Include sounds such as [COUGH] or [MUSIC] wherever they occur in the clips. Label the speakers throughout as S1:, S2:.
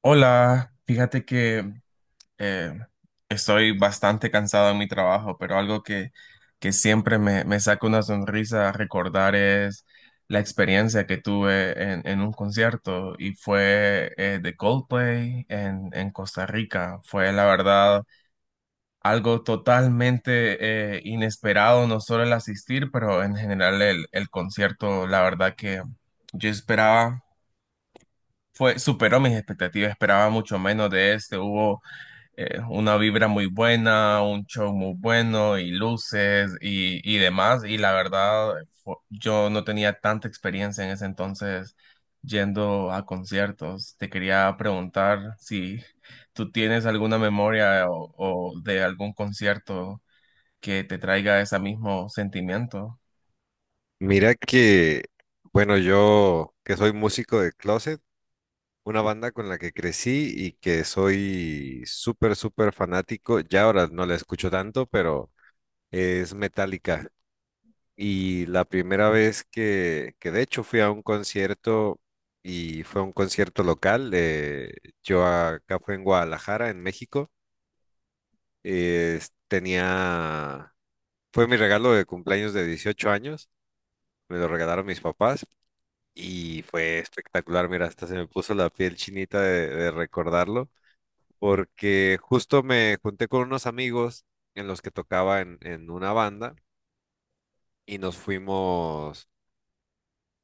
S1: Hola, fíjate que eh, estoy bastante cansado en mi trabajo, pero algo que siempre me saca una sonrisa recordar es la experiencia que tuve en un concierto y fue de Coldplay en Costa Rica. Fue la verdad algo totalmente inesperado, no solo el asistir, pero en general el concierto, la verdad que yo esperaba, fue, superó mis expectativas, esperaba mucho menos de este, hubo una vibra muy buena, un show muy bueno y luces y demás. Y la verdad, yo no tenía tanta experiencia en ese entonces yendo a conciertos. Te quería preguntar si tú tienes alguna memoria o de algún concierto que te traiga ese mismo sentimiento.
S2: Mira que, bueno, yo que soy músico de closet, una banda con la que crecí y que soy súper, súper fanático, ya ahora no la escucho tanto, pero es Metallica. Y la primera vez que, de hecho fui a un concierto y fue un concierto local, yo acá fue en Guadalajara, en México, eh, tenía, fue mi regalo de cumpleaños de 18 años, me lo regalaron mis papás. Y fue espectacular, mira, hasta se me puso la piel chinita de recordarlo, porque justo me junté con unos amigos en los que tocaba en una banda y nos fuimos,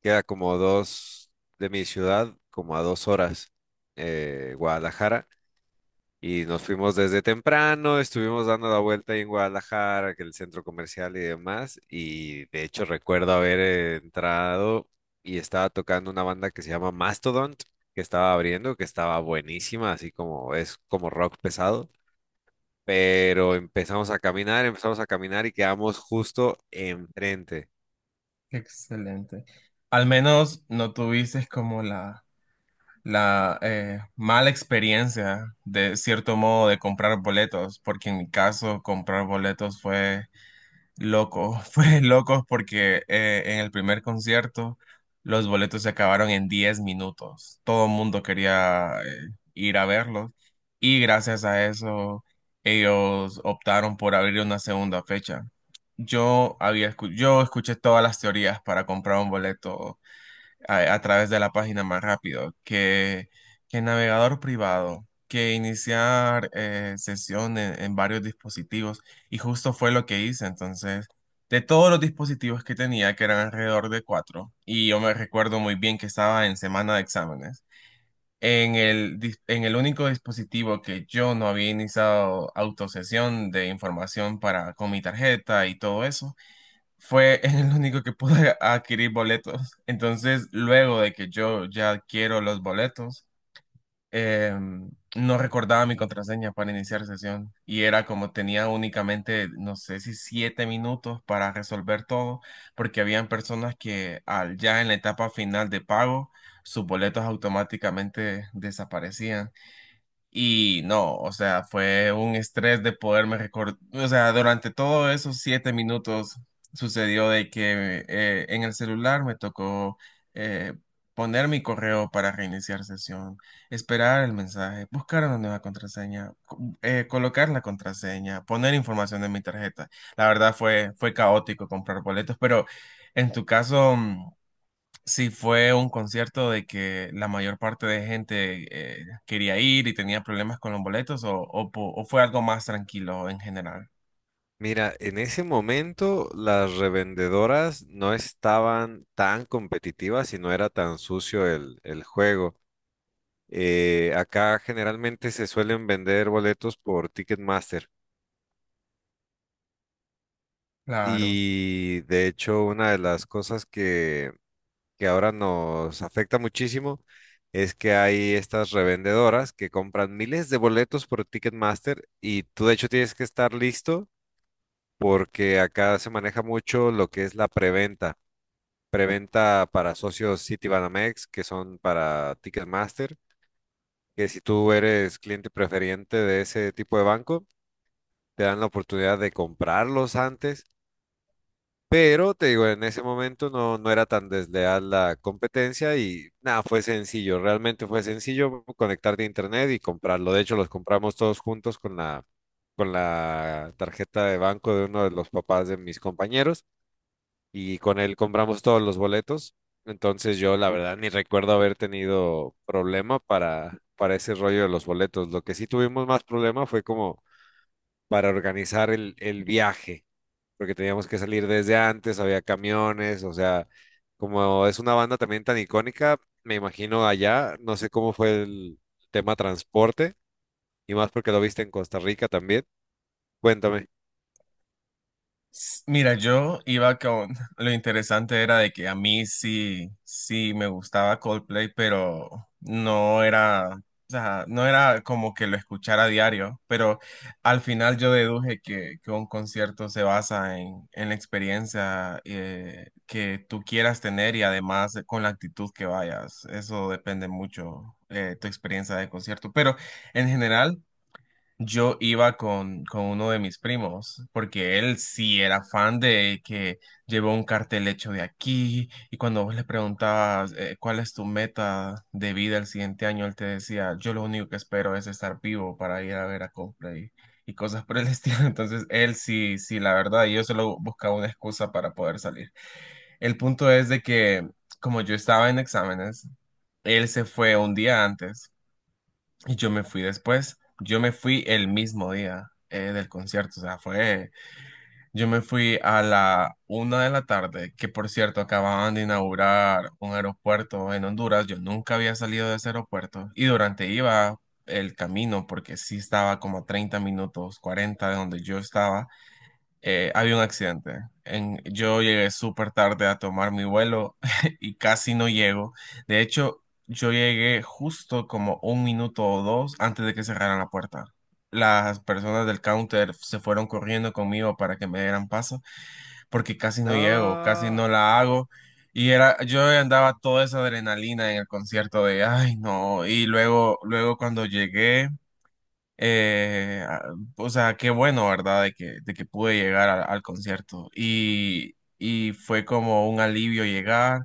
S2: queda como dos de mi ciudad, como a 2 horas, Guadalajara. Y nos fuimos desde temprano, estuvimos dando la vuelta ahí en Guadalajara, que el centro comercial y demás. Y de hecho recuerdo haber entrado y estaba tocando una banda que se llama Mastodon, que estaba abriendo, que estaba buenísima, así como es como rock pesado. Pero empezamos a caminar y quedamos justo enfrente.
S1: Excelente. Al menos no tuviste como la mala experiencia de cierto modo de comprar boletos, porque en mi caso comprar boletos fue loco, [LAUGHS] fue loco porque en el primer concierto los boletos se acabaron en 10 minutos, todo el mundo quería ir a verlos y gracias a eso ellos optaron por abrir una segunda fecha. Yo escuché todas las teorías para comprar un boleto a través de la página más rápido que el navegador privado, que iniciar sesión en varios dispositivos y justo fue lo que hice. Entonces, de todos los dispositivos que tenía, que eran alrededor de 4, y yo me recuerdo muy bien que estaba en semana de exámenes. En el único dispositivo que yo no había iniciado autosesión de información para, con mi tarjeta y todo eso, fue [LAUGHS] el único que pude adquirir boletos. Entonces, luego de que yo ya adquiero los boletos, eh, no recordaba mi contraseña para iniciar sesión y era como tenía únicamente, no sé si 7 minutos para resolver todo, porque habían personas que al, ya en la etapa final de pago, sus boletos automáticamente desaparecían. Y no, o sea, fue un estrés de poderme recordar, o sea, durante todos esos 7 minutos sucedió de que en el celular me tocó eh, poner mi correo para reiniciar sesión, esperar el mensaje, buscar una nueva contraseña, colocar la contraseña, poner información en mi tarjeta. La verdad fue, fue caótico comprar boletos, pero en tu caso... sí, fue un concierto de que la mayor parte de gente quería ir y tenía problemas con los boletos o fue algo más tranquilo en general.
S2: Mira, en ese momento las revendedoras no estaban tan competitivas y no era tan sucio el juego. Acá generalmente se suelen vender boletos por Ticketmaster,
S1: Claro.
S2: y de hecho una de las cosas que ahora nos afecta muchísimo es que hay estas revendedoras que compran miles de boletos por Ticketmaster y tú de hecho tienes que estar listo porque acá se maneja mucho lo que es la preventa. Preventa para socios Citibanamex que son para Ticketmaster, que si tú eres cliente preferente de ese tipo de banco, te dan la oportunidad de comprarlos antes, pero te digo, en ese momento no, no era tan desleal la competencia y nada, fue sencillo, realmente fue sencillo conectarte a internet y comprarlo. De hecho, los compramos todos juntos con con la tarjeta de banco de uno de los papás de mis compañeros y con él compramos todos los boletos. Entonces yo la verdad ni recuerdo haber tenido problema para ese rollo de los boletos. Lo que sí tuvimos más problema fue como para organizar el viaje, porque teníamos que salir desde antes, había camiones, o sea, como es una banda también tan icónica, me imagino allá, no sé cómo fue el tema transporte, y más porque lo viste en Costa Rica también. Cuéntame.
S1: Mira, yo iba con... [LAUGHS] Lo interesante era de que a mí sí, sí me gustaba Coldplay, pero no era, o sea, no era como que lo escuchara a diario, pero al final yo deduje que un concierto se basa en la experiencia que tú quieras tener y además con la actitud que vayas. Eso depende mucho tu experiencia de concierto, pero en general... Yo iba con uno de mis primos, porque él sí era fan de que llevó un cartel hecho de aquí, y cuando vos le preguntabas cuál es tu meta de vida el siguiente año, él te decía, yo lo único que espero es estar vivo para ir a ver a Coldplay y cosas por el [LAUGHS] estilo. Entonces, él sí, sí, la verdad, yo solo buscaba una excusa para poder salir. El punto es de que, como yo estaba en exámenes, él se fue un día antes y yo me fui después, yo me fui el mismo día del concierto, o sea, fue, yo me fui a la una de la tarde, que por cierto acababan de inaugurar un aeropuerto en Honduras, yo nunca había salido de ese aeropuerto y durante iba el camino, porque sí estaba como a 30 minutos, 40 de donde yo estaba, había un accidente. Yo llegué súper tarde a tomar mi vuelo [LAUGHS] y casi no llego. De hecho, yo llegué justo como un minuto o dos antes de que cerraran la puerta. Las personas del counter se fueron corriendo conmigo para que me dieran paso porque casi
S2: No.
S1: no llego, casi no
S2: Ajá.
S1: la hago. Y era, yo andaba toda esa adrenalina en el concierto de, ay, no. Y luego, luego cuando llegué... O sea, qué bueno, ¿verdad? De que pude llegar al concierto. Y fue como un alivio llegar.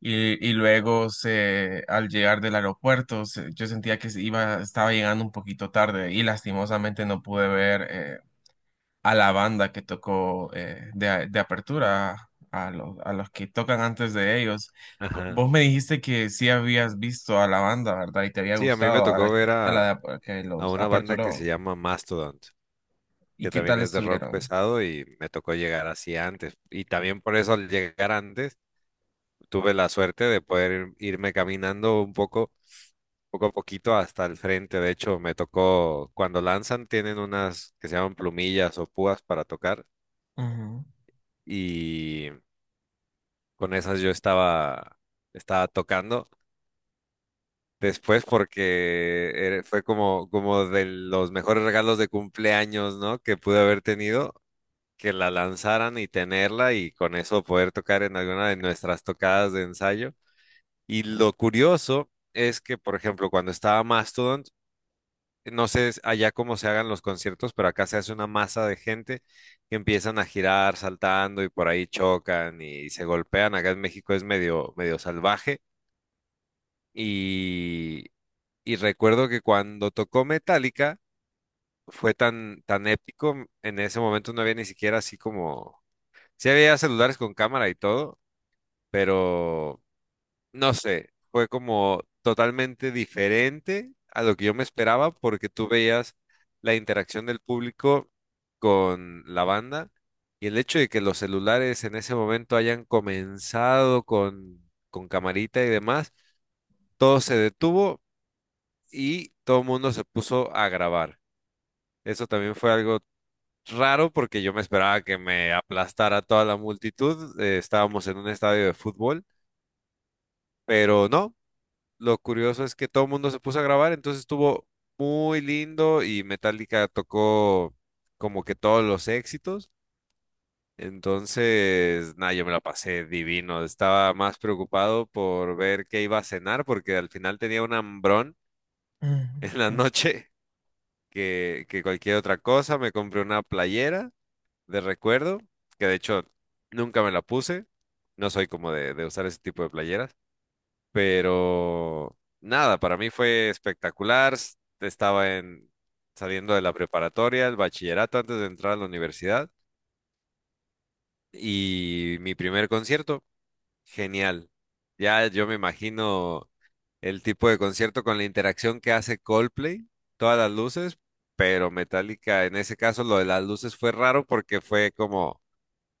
S1: Y luego se, al llegar del aeropuerto, yo sentía que se iba, estaba llegando un poquito tarde y lastimosamente no pude ver a la banda que tocó de apertura, a los que tocan antes de ellos. Vos me dijiste que sí habías visto a la banda, ¿verdad? Y te había
S2: Sí, a mí me
S1: gustado a la
S2: tocó
S1: que,
S2: ver
S1: a la que
S2: a
S1: los
S2: una banda que se
S1: aperturó.
S2: llama Mastodon,
S1: ¿Y
S2: que
S1: qué
S2: también
S1: tal
S2: es de rock
S1: estuvieron?
S2: pesado y me tocó llegar así antes. Y también por eso al llegar antes tuve la suerte de poder irme caminando un poco poco a poquito hasta el frente. De hecho, me tocó, cuando lanzan, tienen unas que se llaman plumillas o púas para tocar y con esas yo estaba, estaba tocando. Después porque era- fue como, como de los mejores regalos de cumpleaños, ¿no? Que pude haber tenido, que la lanzaran y tenerla y con eso poder tocar en alguna de nuestras tocadas de ensayo. Y lo curioso es que, por ejemplo, cuando estaba Mastodon, no sé allá cómo se hagan los conciertos, pero acá se hace una masa de gente que empiezan a girar saltando y por ahí chocan y se golpean. Acá en México es medio, medio salvaje. Y, y recuerdo que cuando tocó Metallica fue tan, tan épico. En ese momento no había ni siquiera así como... Sí había celulares con cámara y todo, pero no sé, fue como totalmente diferente a lo que yo me esperaba porque tú veías la interacción del público con la banda, y el hecho de que los celulares en ese momento hayan comenzado con camarita y demás, todo se detuvo y todo el mundo se puso a grabar. Eso también fue algo raro porque yo me esperaba que me aplastara toda la multitud. Estábamos en un estadio de fútbol, pero no. Lo curioso es que todo el mundo se puso a grabar, entonces estuvo muy lindo y Metallica tocó como que todos los éxitos. Entonces, nada, yo me la pasé divino. Estaba más preocupado por ver qué iba a cenar porque al final tenía un hambrón
S1: Ujú,
S2: [LAUGHS] en la
S1: ujú.
S2: noche que cualquier otra cosa. Me compré una playera de recuerdo, que de hecho nunca me la puse. No soy como de usar ese tipo de playeras. Pero nada, para mí fue espectacular. Estaba en, saliendo de la preparatoria, el bachillerato antes de entrar a la universidad y mi primer concierto, genial. Ya yo me imagino el tipo de concierto con la interacción que hace Coldplay, todas las luces, pero Metallica, en ese caso lo de las luces fue raro porque fue como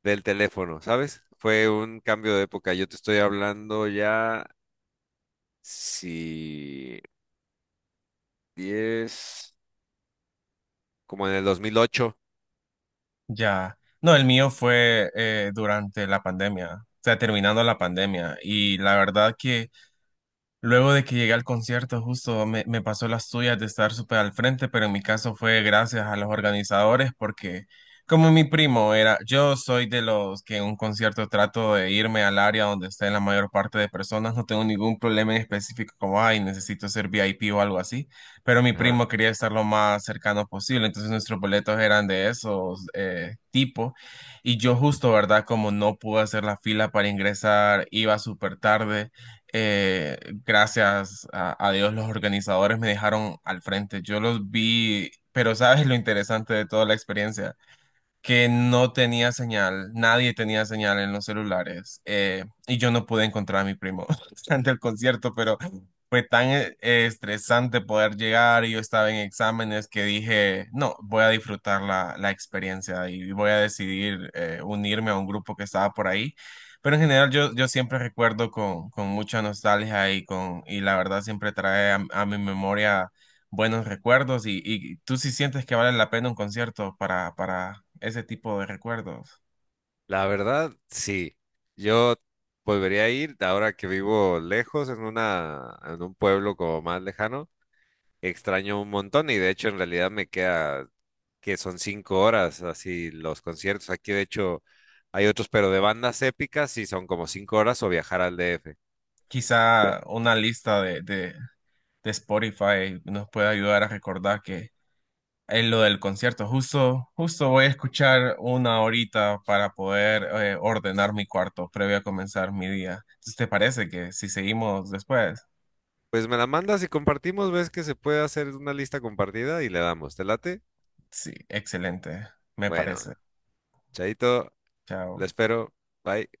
S2: del teléfono, ¿sabes? Fue un cambio de época. Yo te estoy hablando ya, si 10 como en el 2008.
S1: Ya. No, el mío fue durante la pandemia, o sea, terminando la pandemia. Y la verdad que luego de que llegué al concierto, justo me, me pasó las tuyas de estar súper al frente, pero en mi caso fue gracias a los organizadores porque como mi primo era, yo soy de los que en un concierto trato de irme al área donde estén la mayor parte de personas, no tengo ningún problema en específico como, ay, necesito ser VIP o algo así, pero mi
S2: Ajá.
S1: primo quería estar lo más cercano posible, entonces nuestros boletos eran de esos tipo. Y yo justo, ¿verdad? Como no pude hacer la fila para ingresar, iba súper tarde. Eh, gracias a Dios los organizadores me dejaron al frente. Yo los vi, pero ¿sabes lo interesante de toda la experiencia? Que no tenía señal, nadie tenía señal en los celulares y yo no pude encontrar a mi primo [LAUGHS] ante el concierto, pero fue tan estresante poder llegar y yo estaba en exámenes que dije, no, voy a disfrutar la experiencia y voy a decidir unirme a un grupo que estaba por ahí. Pero en general yo siempre recuerdo con mucha nostalgia y, con, y la verdad siempre trae a mi memoria buenos recuerdos y tú sí sientes que vale la pena un concierto para ese tipo de recuerdos.
S2: La verdad, sí. Yo volvería a ir ahora que vivo lejos, en una, en un pueblo como más lejano. Extraño un montón y de hecho en realidad me queda que son 5 horas así los conciertos. Aquí de hecho hay otros, pero de bandas épicas y son como 5 horas o viajar al DF. Pe-
S1: Quizá una lista de Spotify nos puede ayudar a recordar que es lo del concierto. Justo, justo voy a escuchar una horita para poder ordenar mi cuarto previo a comenzar mi día. Entonces, ¿te parece que si seguimos después?
S2: Pues me la mandas y compartimos, ves que se puede hacer una lista compartida y le damos. ¿Te late?
S1: Sí, excelente, me
S2: Bueno,
S1: parece.
S2: chaito, le
S1: Chao.
S2: espero. Bye.